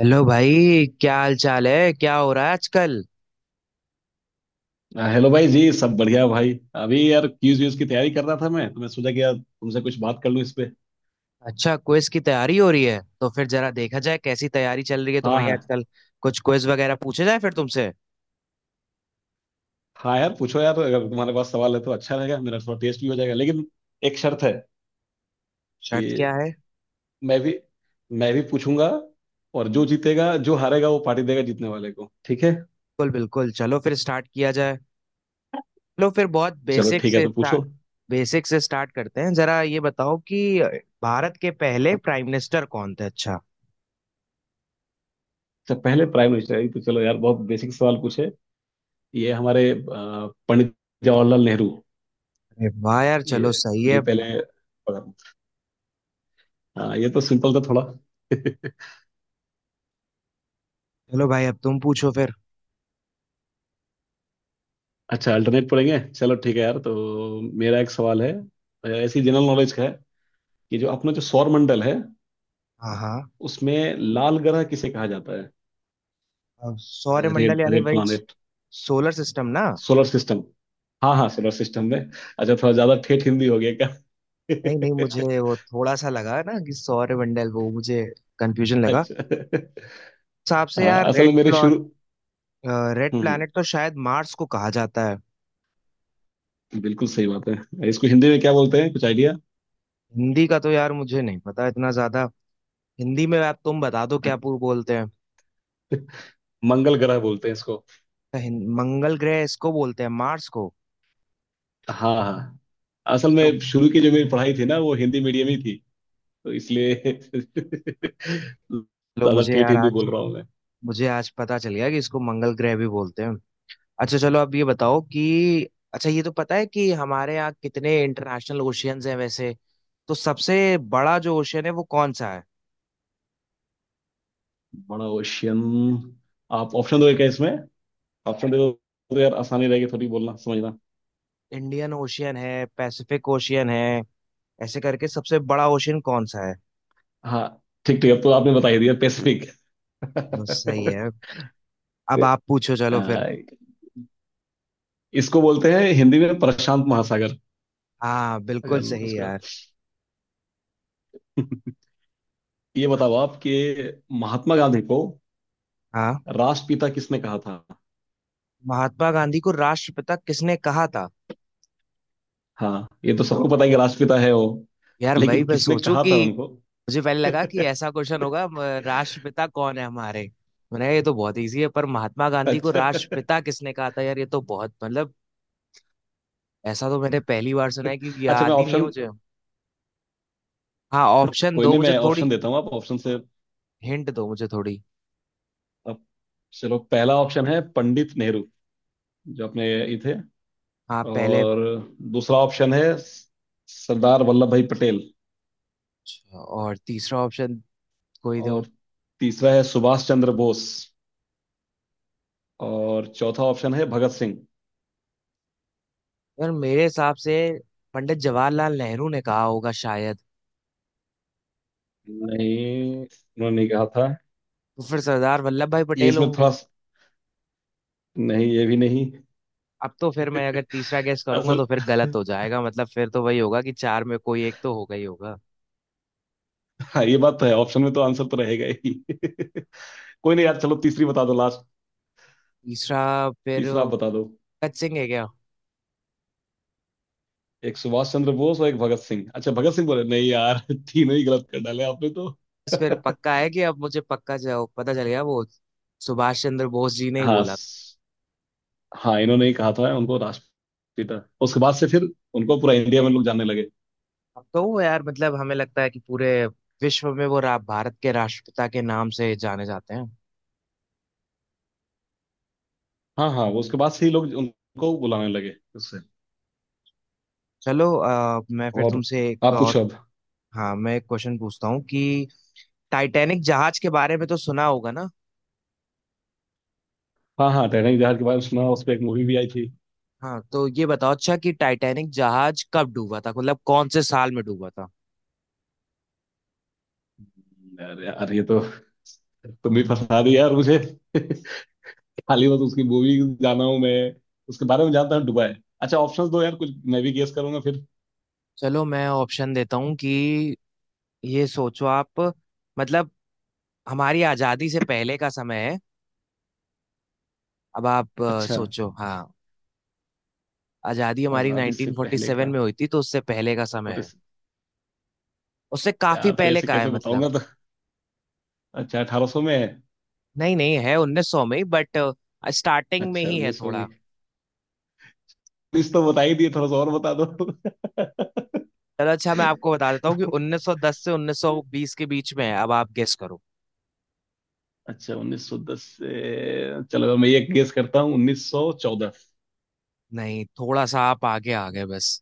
Hello भाई, क्या हाल चाल है? क्या हो रहा है आजकल? हेलो भाई जी, सब बढ़िया। भाई अभी यार क्यूज व्यूज की तैयारी कर रहा था, मैं तो मैं सोचा कि यार तुमसे कुछ बात कर लूँ इस पे। अच्छा, क्विज की तैयारी हो रही है, तो फिर जरा देखा जाए कैसी तैयारी चल रही है हाँ तुम्हारी हाँ। आजकल। कुछ क्विज वगैरह पूछे जाए फिर तुमसे। हाँ यार पूछो यार, अगर तुम्हारे पास सवाल है तो अच्छा रहेगा, मेरा थोड़ा टेस्ट भी हो जाएगा। लेकिन एक शर्त है शर्त क्या कि है? मैं भी मैं भी पूछूंगा, और जो जीतेगा जो हारेगा वो पार्टी देगा जीतने वाले को, ठीक है। बिल्कुल बिल्कुल, चलो फिर स्टार्ट किया जाए। चलो फिर बहुत चलो बेसिक ठीक है, से तो स्टार्ट। पूछो। बेसिक से स्टार्ट करते हैं। जरा ये बताओ कि भारत के पहले प्राइम मिनिस्टर कौन थे? अच्छा। अच्छा पहले प्राइम मिनिस्टर है, तो चलो यार बहुत बेसिक सवाल पूछे। ये हमारे पंडित जवाहरलाल नेहरू। अरे वाह यार, ये, चलो सही है। यही पहले। हाँ, ये तो सिंपल था थोड़ा। चलो भाई, अब तुम पूछो फिर। अच्छा अल्टरनेट पढ़ेंगे, चलो ठीक है यार, तो मेरा एक सवाल है। ऐसी जनरल नॉलेज का है कि जो अपना जो सौर मंडल है हाँ, हाँ। उसमें लाल ग्रह किसे कहा जाता है। अब सौरमंडल रेड यानी रेड वही प्लानेट। सोलर सिस्टम ना? Solar system. हाँ हाँ, सोलर सिस्टम में। अच्छा थोड़ा ज्यादा ठेठ हिंदी हो गया नहीं, नहीं, क्या। मुझे वो थोड़ा सा लगा ना कि सौर मंडल वो मुझे कंफ्यूजन लगा। अच्छा। हिसाब से हाँ यार असल में मेरे शुरू। रेड हम्म हम्म, प्लैनेट तो शायद मार्स को कहा जाता है। बिल्कुल सही बात है। इसको हिंदी में क्या बोलते हैं, कुछ आइडिया। हिंदी का तो यार मुझे नहीं पता इतना ज्यादा। हिंदी में आप तुम बता दो क्या पू बोलते हैं। मंगल ग्रह बोलते हैं इसको। तो मंगल ग्रह इसको बोलते हैं मार्स को। हाँ हाँ, असल चलो। में शुरू की जो मेरी पढ़ाई थी ना वो हिंदी मीडियम ही थी, तो इसलिए चलो, ज्यादा ठेठ हिंदी बोल रहा हूँ मैं। मुझे आज पता चल गया कि इसको मंगल ग्रह भी बोलते हैं। अच्छा, चलो अब ये बताओ कि अच्छा, ये तो पता है कि हमारे यहाँ कितने इंटरनेशनल ओशियंस हैं वैसे। तो सबसे बड़ा जो ओशियन है वो कौन सा है? बड़ा ओशियन, आप ऑप्शन दोगे क्या इसमें, ऑप्शन दे दो तो यार आसानी रहेगी थोड़ी बोलना समझना। इंडियन ओशियन है, पैसिफिक ओशियन है, ऐसे करके सबसे बड़ा ओशियन कौन सा है? हाँ ठीक ठीक, अब तो आपने बता ही दिया, पैसिफिक। चलो, सही है। अब आप पूछो, चलो फिर। आ, इसको बोलते हैं हिंदी में प्रशांत महासागर। हाँ, बिल्कुल अगर सही उसका, यार। ये बताओ आप कि महात्मा गांधी को हाँ। राष्ट्रपिता किसने कहा था। महात्मा गांधी को राष्ट्रपिता किसने कहा था? हाँ ये तो सबको पता है कि राष्ट्रपिता है वो, यार वही लेकिन मैं किसने सोचूं कहा कि था उनको। मुझे पहले लगा कि ऐसा क्वेश्चन होगा, राष्ट्रपिता कौन है हमारे। मैंने, ये तो बहुत इजी है, पर महात्मा गांधी को अच्छा। राष्ट्रपिता किसने कहा था, यार ये तो बहुत मतलब, ऐसा तो मैंने पहली बार सुना है क्योंकि अच्छा मैं याद ही नहीं है ऑप्शन, मुझे। हाँ, ऑप्शन कोई दो नहीं मुझे मैं थोड़ी। ऑप्शन देता हूँ, आप ऑप्शन से। हिंट दो मुझे थोड़ी। आप, चलो पहला ऑप्शन है पंडित नेहरू, जो अपने ये थे। हाँ, पहले। और दूसरा ऑप्शन है स- सरदार वल्लभ भाई पटेल। अच्छा, और तीसरा ऑप्शन? कोई दो। और तीसरा है सुभाष चंद्र बोस। और चौथा ऑप्शन है भगत सिंह। यार, मेरे हिसाब से पंडित जवाहरलाल नेहरू ने कहा होगा शायद। नहीं उन्होंने नहीं कहा था। तो फिर सरदार वल्लभ भाई ये पटेल इसमें होंगे। थोड़ा स-, नहीं ये भी नहीं। अब तो फिर मैं अगर तीसरा गेस करूंगा असल, तो फिर गलत हो जाएगा, मतलब फिर तो वही होगा कि चार में कोई एक तो होगा ही होगा। हाँ ये बात तो है, ऑप्शन में तो आंसर तो रहेगा ही। कोई नहीं यार, चलो तीसरी बता दो लास्ट। तीसरा फिर तीसरा आप बता भगत दो। सिंह है क्या? एक सुभाष चंद्र बोस और एक भगत सिंह, अच्छा भगत सिंह बोले नहीं यार। तीनों ही गलत कर डाले आपने तो। बस फिर पक्का है कि अब मुझे पक्का पता चल गया वो सुभाष चंद्र बोस जी ने ही हाँ बोला। स-, हाँ इन्होंने ही कहा था उनको राष्ट्रपिता, उसके बाद से फिर उनको पूरा इंडिया में लोग जानने लगे। अब तो वो यार मतलब हमें लगता है कि पूरे विश्व में वो भारत के राष्ट्रपिता के नाम से जाने जाते हैं। हाँ हाँ, वो उसके बाद से ही लोग उनको बुलाने लगे उससे। चलो मैं फिर और तुमसे एक आप और। पूछो अब। हाँ, मैं एक क्वेश्चन पूछता हूँ कि टाइटैनिक जहाज के बारे में तो सुना होगा ना? हाँ हाँ, टैनिंग जहाज के बारे में सुना, उस पर एक मूवी भी आई थी। हाँ, तो ये बताओ अच्छा कि टाइटैनिक जहाज कब डूबा था, मतलब कौन से साल में डूबा था? अरे यार ये तो, तुम भी फंसा दी यार मुझे। खाली बस उसकी मूवी जाना हूँ मैं, उसके बारे में जानता हूँ दुबई। अच्छा ऑप्शंस दो यार कुछ, मैं भी गेस करूंगा फिर। चलो मैं ऑप्शन देता हूँ कि ये सोचो आप, मतलब हमारी आज़ादी से पहले का समय है। अब आप अच्छा सोचो हाँ। आज़ादी हमारी आजादी से पहले 1947 का। में हुई थी तो उससे पहले का समय और है। इस, उससे काफी यार तो पहले ऐसे का है कैसे मतलब। बताऊंगा तो। अच्छा 1800 में है। नहीं, नहीं, है 1900 में ही, बट स्टार्टिंग में अच्छा ही है 1900 थोड़ा। भी, उन्नीस तो बता ही दिए थोड़ा सा और बता दो। चलो अच्छा, मैं आपको बता देता हूँ कि 1910 से 1920 के बीच में है, अब आप गेस करो। अच्छा 1910 से, चलो मैं ये गेस करता हूँ 1914। नहीं, थोड़ा सा आप आगे आ गए बस।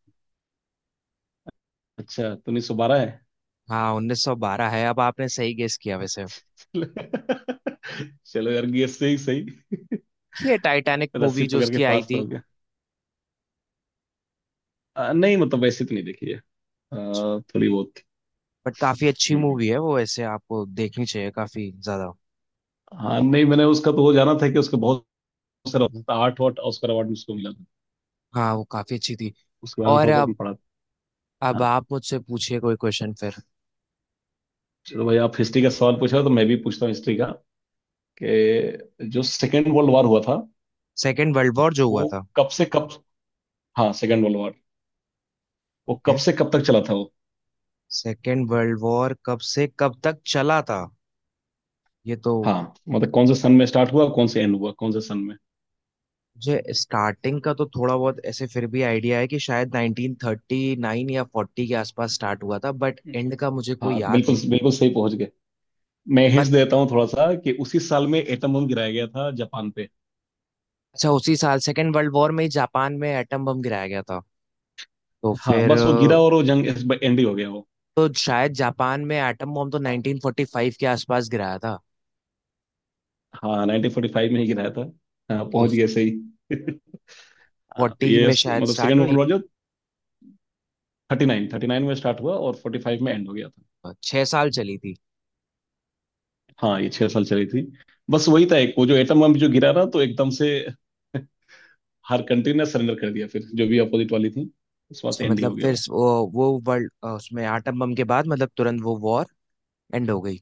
अच्छा तो 1912 है। हाँ, 1912 है। अब आपने सही गेस किया वैसे। चलो, चलो यार गेस से ही सही, ये टाइटैनिक रस्सी मूवी जो पकड़ के उसकी आई पास तो थी, हो गया। नहीं मतलब वैसे तो नहीं देखी है, थोड़ी बहुत। बट काफी अच्छी हम्म हम्म। मूवी है वो, ऐसे आपको देखनी चाहिए काफी ज्यादा। हाँ नहीं मैंने उसका तो वो जाना था कि उसके बहुत सारा आठ वाट ऑस्कर अवार्ड उसको मिला था, हाँ, वो काफी अच्छी थी। उसके बारे में और थोड़ा सा अब पढ़ा था। अब हाँ। आप मुझसे पूछिए कोई क्वेश्चन फिर। चलो भाई आप हिस्ट्री का सवाल पूछा तो मैं भी पूछता हूँ हिस्ट्री का, कि जो सेकेंड वर्ल्ड वॉर हुआ था सेकेंड वर्ल्ड वॉर जो हुआ वो था। कब से कब। हाँ सेकेंड वर्ल्ड वॉर, वो ओके। कब से कब तक चला था वो। सेकेंड वर्ल्ड वॉर कब से कब तक चला था? ये तो, हाँ मतलब कौन से सन में स्टार्ट हुआ, कौन से एंड हुआ कौन से सन में। मुझे स्टार्टिंग का तो थोड़ा बहुत ऐसे फिर भी आइडिया है कि शायद 1939 या 40 के आसपास स्टार्ट हुआ था, बट एंड का मुझे कोई हाँ याद बिल्कुल नहीं। बिल्कुल सही पहुंच गए। मैं हिंट बट देता हूँ थोड़ा सा कि उसी साल में एटम बम गिराया गया था जापान पे। अच्छा, उसी साल सेकेंड वर्ल्ड वॉर में ही जापान में एटम बम गिराया गया था। तो हाँ फिर बस वो गिरा और वो जंग एंड ही हो गया वो। तो शायद जापान में एटम बम तो 1945 के आसपास गिराया था। हाँ 1945 में ही गिराया था। हाँ तो पहुंच गए सही। हाँ तो 40 ये में स- शायद मतलब स्टार्ट सेकेंड वर्ल्ड हुई। वॉर जो 39 में स्टार्ट हुआ और 45 में एंड हो गया था। 6 साल चली थी। हाँ ये 6 साल चली थी। बस वही था एक वो, जो एटम बम जो गिरा ना तो एकदम से हर कंट्री ने सरेंडर कर दिया फिर जो भी अपोजिट वाली थी, उस वहां अच्छा, से एंड ही मतलब हो गया फिर वो। वो वर्ल्ड उसमें एटम बम के बाद मतलब तुरंत वो वॉर एंड हो गई।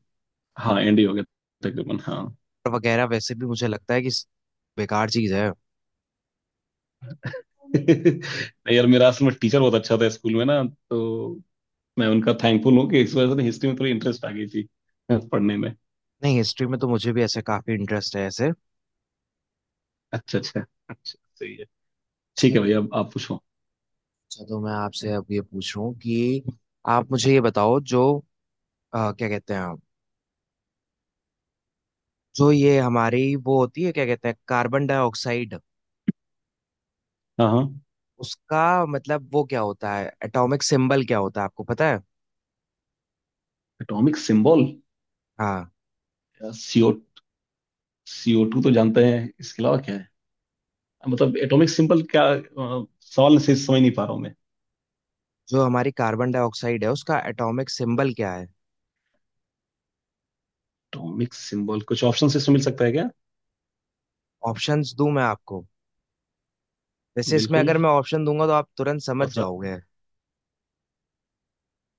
हाँ एंड ही हो गया तकरीबन, हाँ। और वगैरह वैसे भी मुझे लगता है कि बेकार चीज है। नहीं यार मेरा असल में टीचर बहुत अच्छा था स्कूल में ना, तो मैं उनका थैंकफुल हूँ कि इस वजह से हिस्ट्री में थोड़ी इंटरेस्ट आ गई थी पढ़ने में। नहीं, हिस्ट्री में तो मुझे भी ऐसे काफी इंटरेस्ट है ऐसे। अच्छा अच्छा, अच्छा सही है। ठीक अच्छा। है भैया, अब आप पूछो। अच्छा, तो मैं आपसे अब ये पूछ रहा हूँ कि आप मुझे ये बताओ, जो क्या कहते हैं आप, जो ये हमारी वो होती है, क्या कहते हैं, कार्बन डाइऑक्साइड, हाँ हाँ। उसका मतलब वो क्या होता है, एटॉमिक सिंबल क्या होता है आपको पता है? एटॉमिक सिंबल हाँ। सीओ, सीओ टू तो जानते हैं, इसके अलावा क्या है, मतलब एटॉमिक सिंबल क्या, सवाल से समझ नहीं पा रहा हूँ। जो हमारी कार्बन डाइऑक्साइड है उसका एटॉमिक सिंबल क्या है? एटॉमिक सिंबल, कुछ ऑप्शन इसमें मिल सकता है क्या। ऑप्शंस दूं मैं आपको? वैसे इसमें बिल्कुल, अगर मैं ऑप्शन दूंगा तो आप तुरंत थोड़ा समझ सा। जाओगे।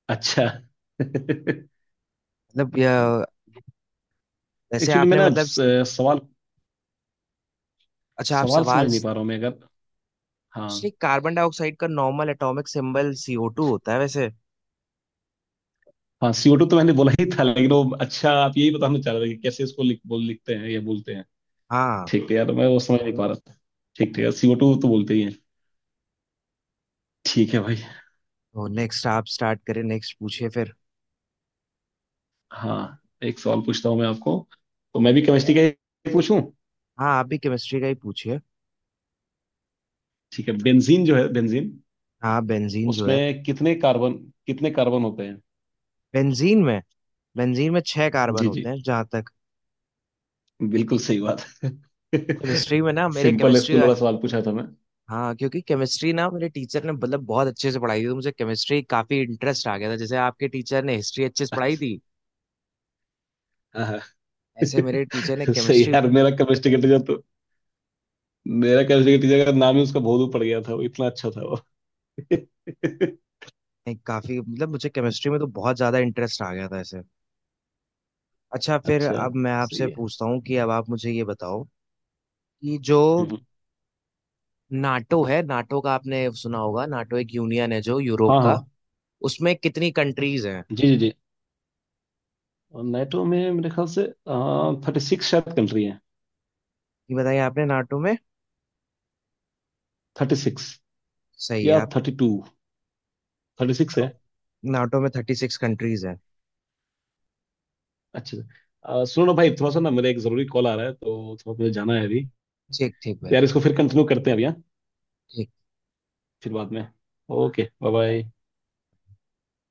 अच्छा। मतलब वैसे एक्चुअली मैं आपने ना मतलब, स-, सवाल, अच्छा आप सवाल सवाल, समझ नहीं पा रहा हूँ मैं, अगर। एक्चुअली हाँ। कार्बन डाइऑक्साइड का नॉर्मल एटॉमिक सिंबल CO2 होता है वैसे। हाँ सीओ टू तो मैंने बोला ही था, लेकिन वो अच्छा आप यही बताना चाह रहे थे कि कैसे इसको लिख बोल लिखते हैं या बोलते हैं। हाँ, ठीक है यार मैं वो समझ नहीं पा रहा था। ठीक है सीओ टू तो बोलते ही हैं। ठीक है भाई। तो नेक्स्ट आप स्टार्ट करें, नेक्स्ट पूछिए फिर। हाँ, एक सवाल पूछता हूँ मैं आपको, तो मैं भी केमिस्ट्री का ही पूछूं। हाँ, आप भी केमिस्ट्री का ही पूछिए। ठीक है, बेंजीन जो है, बेंजीन, हाँ, बेंजीन जो है, उसमें कितने कार्बन, कितने कार्बन होते हैं। बेंजीन में, बेंजीन में 6 कार्बन जी होते जी, हैं जहाँ तक। बिल्कुल सही बात है। केमिस्ट्री में ना, मेरे सिंपल केमिस्ट्री। स्कूल वाला सवाल पूछा था मैं। हाँ, क्योंकि केमिस्ट्री ना मेरे टीचर ने मतलब बहुत अच्छे से पढ़ाई थी, तो मुझे केमिस्ट्री काफी इंटरेस्ट आ गया था, जैसे आपके टीचर ने हिस्ट्री अच्छे से पढ़ाई अच्छा। थी, हाँ हाँ, ऐसे मेरे टीचर ने सही है केमिस्ट्री। यार। मेरा केमिस्ट्री का टीचर तो, मेरा केमिस्ट्री का टीचर का नाम ही उसका भोलू पड़ गया था, वो इतना अच्छा था वो। काफी मतलब मुझे केमिस्ट्री में तो बहुत ज्यादा इंटरेस्ट आ गया था ऐसे। अच्छा, फिर अच्छा अब मैं सही आपसे है। पूछता हूँ कि अब आप मुझे ये बताओ कि जो हम्म, नाटो है, नाटो का आपने सुना होगा, नाटो एक यूनियन है जो यूरोप हाँ हाँ। का, उसमें कितनी कंट्रीज हैं? जी जी जी, और नेटो में मेरे ख्याल से 36 शायद कंट्री है। ये बताइए आपने। नाटो में 36, सही है या आप। 32, 36 है। नाटो में 36 कंट्रीज हैं। अच्छा सुनो ना भाई, थोड़ा सा ना मेरा एक जरूरी कॉल आ रहा है तो थोड़ा मुझे जाना है अभी। ठीक ठीक तो भाई। यार इसको फिर कंटिन्यू करते हैं, अभी हाँ, ठीक। फिर बाद में। Okay, bye bye.